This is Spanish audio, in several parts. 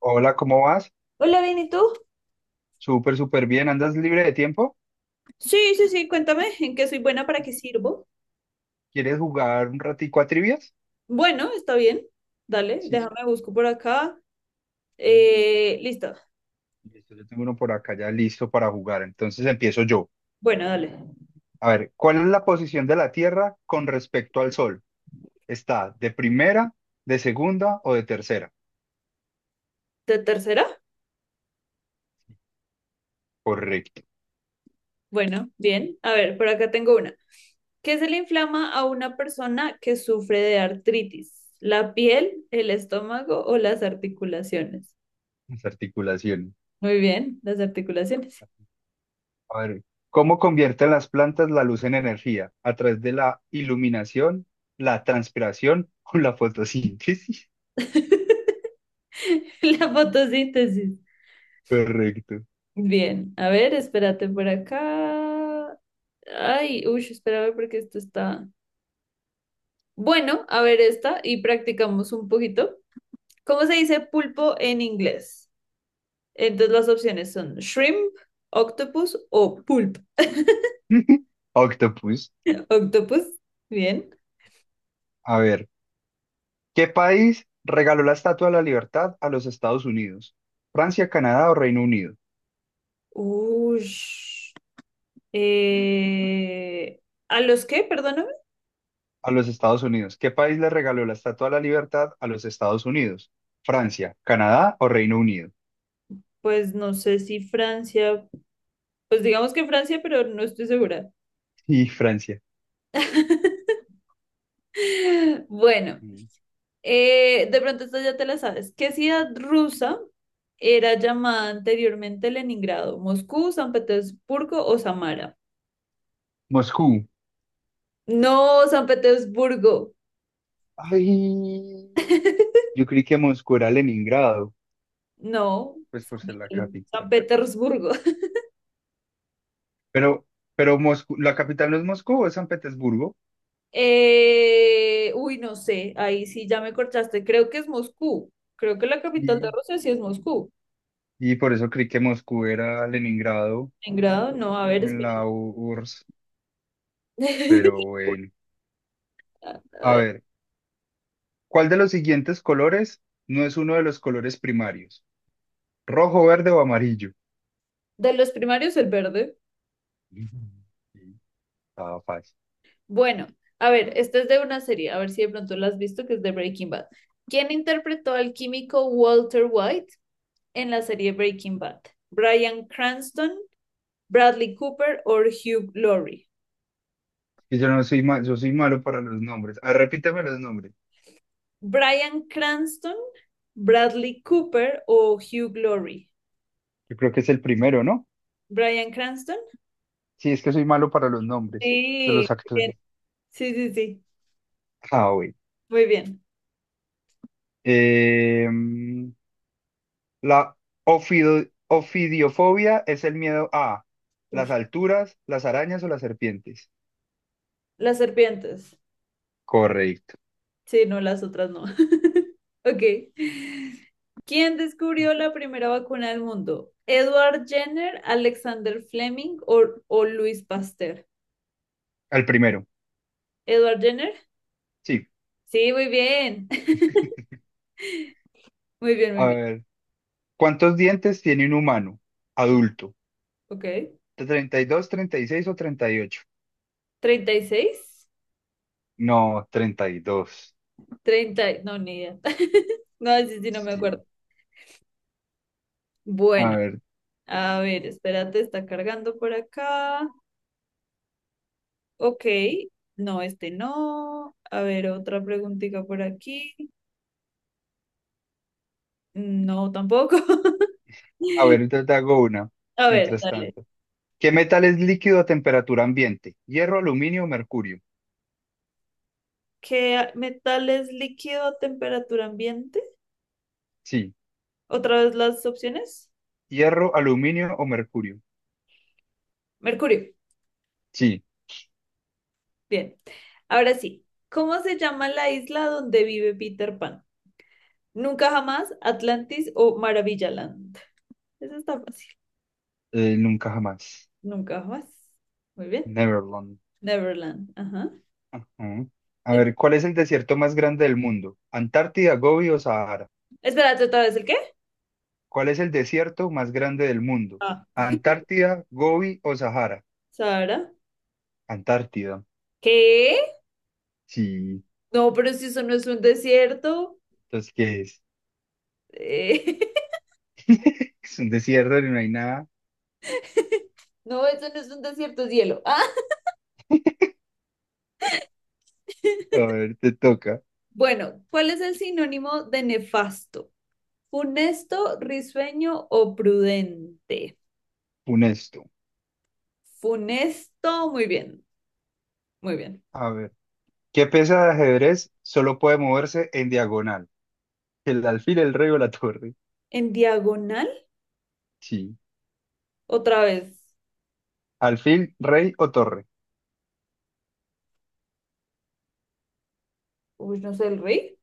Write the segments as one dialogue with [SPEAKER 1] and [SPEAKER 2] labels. [SPEAKER 1] Hola, ¿cómo vas?
[SPEAKER 2] Hola, bien, ¿y tú?
[SPEAKER 1] Súper, súper bien. ¿Andas libre de tiempo?
[SPEAKER 2] Sí, sí, sí, cuéntame en qué soy buena, para qué sirvo.
[SPEAKER 1] ¿Quieres jugar un ratico a trivias?
[SPEAKER 2] Bueno, está bien. Dale,
[SPEAKER 1] Sí.
[SPEAKER 2] déjame busco por acá.
[SPEAKER 1] Mm, sí.
[SPEAKER 2] Listo.
[SPEAKER 1] Listo, yo tengo uno por acá ya listo para jugar. Entonces empiezo yo.
[SPEAKER 2] Bueno, dale.
[SPEAKER 1] A ver, ¿cuál es la posición de la Tierra con respecto al Sol? ¿Está de primera, de segunda o de tercera?
[SPEAKER 2] Tercera?
[SPEAKER 1] Correcto.
[SPEAKER 2] Bueno, bien. A ver, por acá tengo una. ¿Qué se le inflama a una persona que sufre de artritis? ¿La piel, el estómago o las articulaciones?
[SPEAKER 1] Las articulaciones.
[SPEAKER 2] Muy bien, las articulaciones.
[SPEAKER 1] A ver, ¿cómo convierten las plantas la luz en energía? ¿A través de la iluminación, la transpiración o la fotosíntesis?
[SPEAKER 2] La fotosíntesis.
[SPEAKER 1] Correcto.
[SPEAKER 2] Bien, a ver, espérate por acá. Ay, uy, espera a ver porque esto está. Bueno, a ver esta y practicamos un poquito. ¿Cómo se dice pulpo en inglés? Entonces las opciones son shrimp, octopus o pulp.
[SPEAKER 1] Octopus.
[SPEAKER 2] Octopus, bien.
[SPEAKER 1] A ver, ¿qué país regaló la Estatua de la Libertad a los Estados Unidos? ¿Francia, Canadá o Reino Unido?
[SPEAKER 2] Uy. eh, ¿A los qué? Perdóname.
[SPEAKER 1] A los Estados Unidos. ¿Qué país le regaló la Estatua de la Libertad a los Estados Unidos? ¿Francia, Canadá o Reino Unido?
[SPEAKER 2] Pues no sé si Francia, pues digamos que Francia, pero no estoy segura.
[SPEAKER 1] Y Francia.
[SPEAKER 2] Bueno.
[SPEAKER 1] Mm.
[SPEAKER 2] De pronto esta ya te la sabes. ¿Qué ciudad rusa era llamada anteriormente Leningrado? ¿Moscú, San Petersburgo o Samara?
[SPEAKER 1] Moscú.
[SPEAKER 2] No, San Petersburgo.
[SPEAKER 1] Ay, yo creí que Moscú era Leningrado,
[SPEAKER 2] No,
[SPEAKER 1] pues por ser la
[SPEAKER 2] San
[SPEAKER 1] capital.
[SPEAKER 2] Petersburgo.
[SPEAKER 1] Pero, pero Moscú, la capital no es Moscú, es San Petersburgo.
[SPEAKER 2] Uy, no sé, ahí sí ya me cortaste. Creo que es Moscú. Creo que la capital de
[SPEAKER 1] Y,
[SPEAKER 2] Rusia sí es Moscú.
[SPEAKER 1] Y por eso creí que Moscú era Leningrado
[SPEAKER 2] Leningrado, no, a ver,
[SPEAKER 1] en
[SPEAKER 2] espera.
[SPEAKER 1] la URSS, pero bueno.
[SPEAKER 2] A
[SPEAKER 1] A
[SPEAKER 2] ver.
[SPEAKER 1] ver, ¿cuál de los siguientes colores no es uno de los colores primarios? ¿Rojo, verde o amarillo?
[SPEAKER 2] De los primarios, el verde.
[SPEAKER 1] Mm, sí. Estaba fácil.
[SPEAKER 2] Bueno, a ver, esta es de una serie, a ver si de pronto la has visto, que es de Breaking Bad. ¿Quién interpretó al químico Walter White en la serie Breaking Bad? ¿Bryan Cranston, Bradley Cooper o Hugh Laurie?
[SPEAKER 1] Y yo no soy yo soy malo para los nombres. Ah, repíteme los nombres.
[SPEAKER 2] ¿Bryan Cranston, Bradley Cooper o Hugh Laurie?
[SPEAKER 1] Yo creo que es el primero, ¿no?
[SPEAKER 2] ¿Bryan Cranston?
[SPEAKER 1] Sí, es que soy malo para los nombres de
[SPEAKER 2] Sí,
[SPEAKER 1] los
[SPEAKER 2] bien.
[SPEAKER 1] actores.
[SPEAKER 2] Sí, sí, sí.
[SPEAKER 1] Ah, bueno.
[SPEAKER 2] Muy bien.
[SPEAKER 1] Em, la ofidiofobia es el miedo a las
[SPEAKER 2] Uy,
[SPEAKER 1] alturas, las arañas o las serpientes.
[SPEAKER 2] las serpientes.
[SPEAKER 1] Correcto.
[SPEAKER 2] Sí, no, las otras no. Ok. ¿Quién descubrió la primera vacuna del mundo? ¿Edward Jenner, Alexander Fleming o Louis Pasteur?
[SPEAKER 1] Al primero.
[SPEAKER 2] ¿Edward Jenner?
[SPEAKER 1] Sí.
[SPEAKER 2] Sí, muy bien. Muy bien, muy
[SPEAKER 1] A
[SPEAKER 2] bien.
[SPEAKER 1] ver, ¿cuántos dientes tiene un humano adulto?
[SPEAKER 2] Ok.
[SPEAKER 1] Treinta y dos, 36 o 38?
[SPEAKER 2] ¿36?
[SPEAKER 1] No, 32.
[SPEAKER 2] No, ni idea. No, sí, sí, no me acuerdo.
[SPEAKER 1] Sí. A
[SPEAKER 2] Bueno,
[SPEAKER 1] ver,
[SPEAKER 2] a ver, espérate, está cargando por acá. Ok. No, este no. A ver, otra preguntita por aquí. No, tampoco.
[SPEAKER 1] a ver, te, te hago una.
[SPEAKER 2] A ver,
[SPEAKER 1] Mientras
[SPEAKER 2] dale.
[SPEAKER 1] tanto, ¿qué metal es líquido a temperatura ambiente? ¿Hierro, aluminio o mercurio?
[SPEAKER 2] ¿Qué metal es líquido a temperatura ambiente?
[SPEAKER 1] Sí.
[SPEAKER 2] Otra vez las opciones.
[SPEAKER 1] ¿Hierro, aluminio o mercurio?
[SPEAKER 2] Mercurio.
[SPEAKER 1] Sí.
[SPEAKER 2] Bien. Ahora sí. ¿Cómo se llama la isla donde vive Peter Pan? Nunca jamás, Atlantis o Maravillaland. Eso está fácil.
[SPEAKER 1] Nunca jamás.
[SPEAKER 2] Nunca jamás. Muy bien.
[SPEAKER 1] Neverland.
[SPEAKER 2] Neverland. Ajá.
[SPEAKER 1] Ajá. A
[SPEAKER 2] El...
[SPEAKER 1] ver, ¿cuál es el desierto más grande del mundo? ¿Antártida, Gobi o Sahara?
[SPEAKER 2] Espérate otra vez, ¿el qué?
[SPEAKER 1] ¿Cuál es el desierto más grande del mundo?
[SPEAKER 2] Ah.
[SPEAKER 1] ¿Antártida, Gobi o Sahara?
[SPEAKER 2] Sara.
[SPEAKER 1] Antártida.
[SPEAKER 2] ¿Qué?
[SPEAKER 1] Sí.
[SPEAKER 2] No, pero si eso no es un desierto.
[SPEAKER 1] Entonces, ¿qué es?
[SPEAKER 2] Eh,
[SPEAKER 1] Es un desierto y no hay nada.
[SPEAKER 2] No, eso no es un desierto, es hielo. Ah,
[SPEAKER 1] A ver, te toca.
[SPEAKER 2] bueno, ¿cuál es el sinónimo de nefasto? ¿Funesto, risueño o prudente?
[SPEAKER 1] Funesto.
[SPEAKER 2] Funesto, muy bien, muy bien.
[SPEAKER 1] A ver. ¿Qué pieza de ajedrez solo puede moverse en diagonal? ¿El alfil, el rey o la torre?
[SPEAKER 2] ¿En diagonal?
[SPEAKER 1] Sí.
[SPEAKER 2] Otra vez.
[SPEAKER 1] ¿Alfil, rey o torre?
[SPEAKER 2] Uy, no sé, el rey.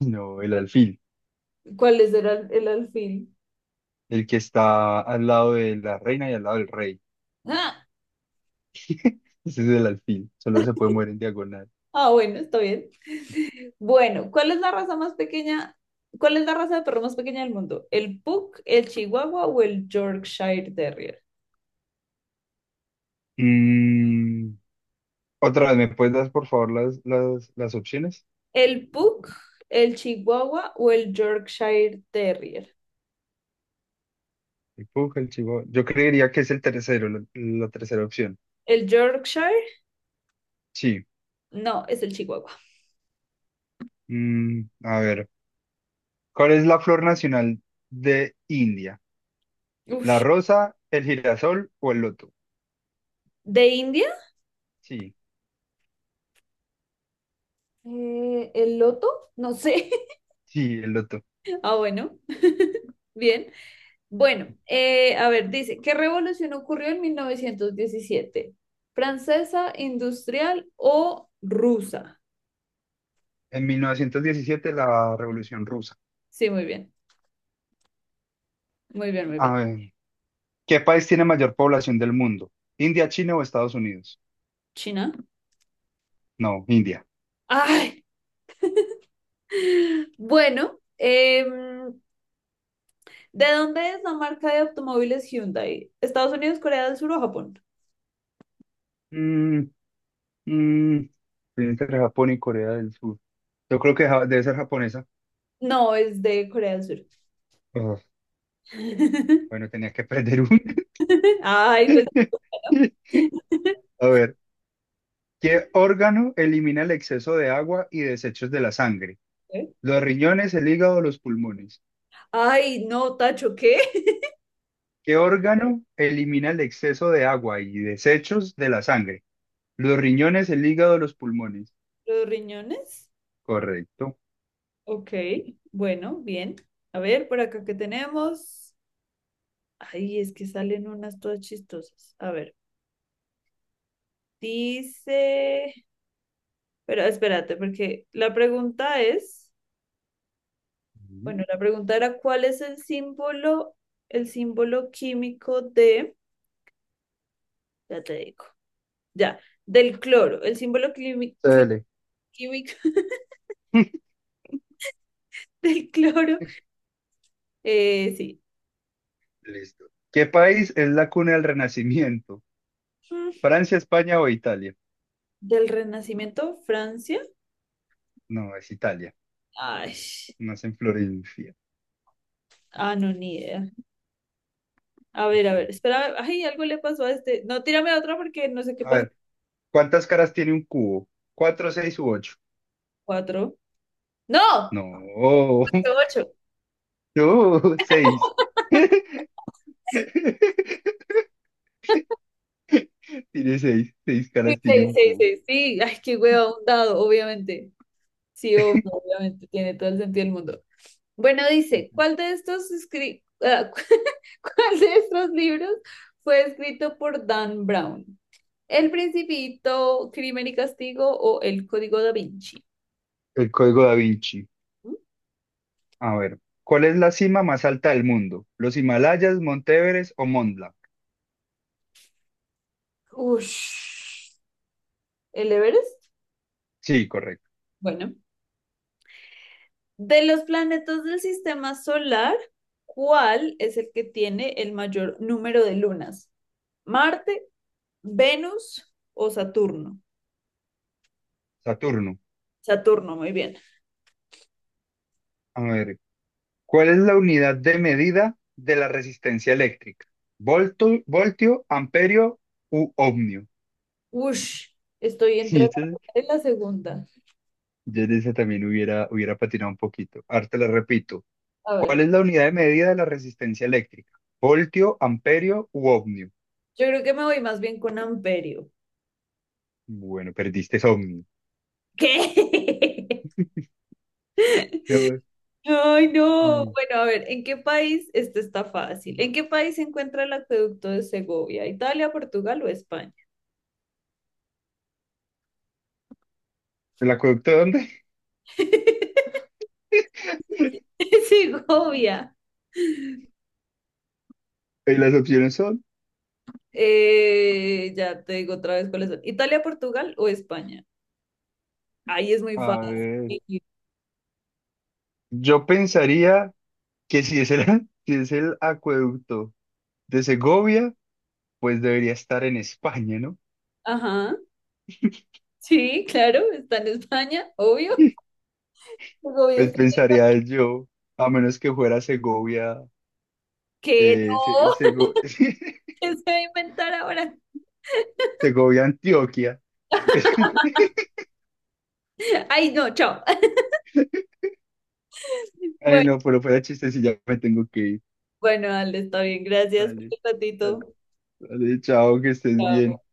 [SPEAKER 1] No, el alfil.
[SPEAKER 2] ¿Cuál es el, el alfil?
[SPEAKER 1] El que está al lado de la reina y al lado del rey.
[SPEAKER 2] Ah,
[SPEAKER 1] Ese es el alfil. Solo se puede mover en diagonal.
[SPEAKER 2] ah, bueno, está bien. Bueno, ¿cuál es la raza más pequeña? ¿Cuál es la raza de perro más pequeña del mundo? ¿El Pug, el Chihuahua o el Yorkshire Terrier?
[SPEAKER 1] Mm, Otra vez, ¿me puedes dar por favor las opciones?
[SPEAKER 2] El Pug, el Chihuahua o el Yorkshire Terrier.
[SPEAKER 1] El Puja, el Chivo. Yo creería que es el tercero, la tercera opción.
[SPEAKER 2] El Yorkshire,
[SPEAKER 1] Sí.
[SPEAKER 2] no, es el Chihuahua.
[SPEAKER 1] A ver, ¿cuál es la flor nacional de India? ¿La
[SPEAKER 2] Ush.
[SPEAKER 1] rosa, el girasol o el loto?
[SPEAKER 2] ¿De India?
[SPEAKER 1] Sí,
[SPEAKER 2] ¿El loto? No sé.
[SPEAKER 1] sí, el loto.
[SPEAKER 2] Ah, bueno. Bien. Bueno, a ver, dice, ¿qué revolución ocurrió en 1917, ¿Francesa, industrial o rusa?
[SPEAKER 1] En 1917, la Revolución Rusa.
[SPEAKER 2] Sí, muy bien, muy bien, muy
[SPEAKER 1] A
[SPEAKER 2] bien.
[SPEAKER 1] ver, ¿qué país tiene mayor población del mundo? ¿India, China o Estados Unidos?
[SPEAKER 2] ¿China?
[SPEAKER 1] No, India.
[SPEAKER 2] Ay, bueno, ¿de dónde es la marca de automóviles Hyundai? ¿Estados Unidos, Corea del Sur o Japón?
[SPEAKER 1] Mm, mm, Estoy entre Japón y Corea del Sur. Yo creo que debe ser japonesa.
[SPEAKER 2] No, es de Corea del Sur.
[SPEAKER 1] Bueno, tenías que perder un.
[SPEAKER 2] Ay, pues.
[SPEAKER 1] A ver, ¿qué órgano elimina el exceso de agua y desechos de la sangre?
[SPEAKER 2] ¿Eh?
[SPEAKER 1] Los riñones, el hígado, los pulmones.
[SPEAKER 2] Ay, no, Tacho, ¿qué?
[SPEAKER 1] ¿Qué órgano elimina el exceso de agua y desechos de la sangre? Los riñones, el hígado, los pulmones.
[SPEAKER 2] ¿Los riñones?
[SPEAKER 1] Correcto.
[SPEAKER 2] Ok, bueno, bien. A ver, por acá que tenemos. Ay, es que salen unas todas chistosas. A ver, dice. Pero espérate, porque la pregunta es,
[SPEAKER 1] Ujú.
[SPEAKER 2] bueno, la pregunta era ¿cuál es el símbolo químico de... Ya te digo. Ya. Del cloro. El símbolo
[SPEAKER 1] Dale.
[SPEAKER 2] químico del cloro. Sí.
[SPEAKER 1] Listo. ¿Qué país es la cuna del Renacimiento?
[SPEAKER 2] Mm.
[SPEAKER 1] ¿Francia, España o Italia?
[SPEAKER 2] Del Renacimiento, Francia.
[SPEAKER 1] No, es Italia.
[SPEAKER 2] Ay.
[SPEAKER 1] Nace en Florencia.
[SPEAKER 2] Ah, no, ni idea. A ver, a ver. Espera. Ay, algo le pasó a este. No, tírame a otro porque no sé qué
[SPEAKER 1] A
[SPEAKER 2] pasó.
[SPEAKER 1] ver, ¿cuántas caras tiene un cubo? ¿Cuatro, seis u ocho?
[SPEAKER 2] Cuatro. ¡No!
[SPEAKER 1] No,
[SPEAKER 2] Fue ocho.
[SPEAKER 1] no, seis. Tiene seis, seis
[SPEAKER 2] Sí,
[SPEAKER 1] caras, tiene
[SPEAKER 2] sí,
[SPEAKER 1] un
[SPEAKER 2] sí,
[SPEAKER 1] cubo.
[SPEAKER 2] sí, sí. Ay, qué hueva, un dado, obviamente. Sí, obviamente. Tiene todo el sentido del mundo. Bueno, dice,
[SPEAKER 1] Ujú.
[SPEAKER 2] ¿cuál de estos escri- ah, ¿cuál de estos libros fue escrito por Dan Brown? ¿El Principito, Crimen y Castigo o El Código da Vinci?
[SPEAKER 1] El código Da Vinci.
[SPEAKER 2] ¿Mm?
[SPEAKER 1] A ver, ¿cuál es la cima más alta del mundo? ¿Los Himalayas, Monte Everest o Mont Blanc?
[SPEAKER 2] Ush. ¿El Everest?
[SPEAKER 1] Sí, correcto.
[SPEAKER 2] Bueno, de los planetas del sistema solar, ¿cuál es el que tiene el mayor número de lunas? ¿Marte, Venus o Saturno?
[SPEAKER 1] Saturno.
[SPEAKER 2] Saturno, muy bien.
[SPEAKER 1] A ver, ¿cuál es la unidad de medida de la resistencia eléctrica? Voltio, amperio u ohmio?
[SPEAKER 2] Ush, estoy
[SPEAKER 1] Y
[SPEAKER 2] entre la
[SPEAKER 1] ese-
[SPEAKER 2] primera y la segunda.
[SPEAKER 1] yo en ese también hubiera patinado un poquito. Ahora te la repito.
[SPEAKER 2] A ver.
[SPEAKER 1] ¿Cuál es la unidad de medida de la resistencia eléctrica? ¿Voltio, amperio u ohmio?
[SPEAKER 2] Yo creo que me voy más bien con amperio.
[SPEAKER 1] Bueno, perdiste es ohmio.
[SPEAKER 2] ¿Qué?
[SPEAKER 1] No,
[SPEAKER 2] Ay, no.
[SPEAKER 1] ay,
[SPEAKER 2] Bueno, a ver, ¿en qué país? Esto está fácil. ¿En qué país se encuentra el acueducto de Segovia? ¿Italia, Portugal o España?
[SPEAKER 1] ¿el acueducto de dónde?
[SPEAKER 2] Segovia.
[SPEAKER 1] Y las opciones son,
[SPEAKER 2] Ya te digo otra vez cuáles son. ¿Italia, Portugal o España? Ahí es muy
[SPEAKER 1] a
[SPEAKER 2] fácil.
[SPEAKER 1] ver, yo pensaría que si es el, si es el acueducto de Segovia, pues debería estar en España, ¿no?
[SPEAKER 2] Ajá. Sí, claro, está en España, obvio. Segovia
[SPEAKER 1] Pues
[SPEAKER 2] está...
[SPEAKER 1] pensaría yo, a menos que fuera Segovia,
[SPEAKER 2] que
[SPEAKER 1] eh, Se-
[SPEAKER 2] no,
[SPEAKER 1] Sego-
[SPEAKER 2] ¿qué se va a inventar ahora?
[SPEAKER 1] Segovia, Antioquia.
[SPEAKER 2] Ay, no, chao.
[SPEAKER 1] Ay,
[SPEAKER 2] Bueno,
[SPEAKER 1] no, pero fuera chiste si ya me tengo que ir.
[SPEAKER 2] bueno, Ale, está bien. Gracias por
[SPEAKER 1] Dale,
[SPEAKER 2] el ratito.
[SPEAKER 1] dale. Vale, chao, que estés bien.
[SPEAKER 2] Chao.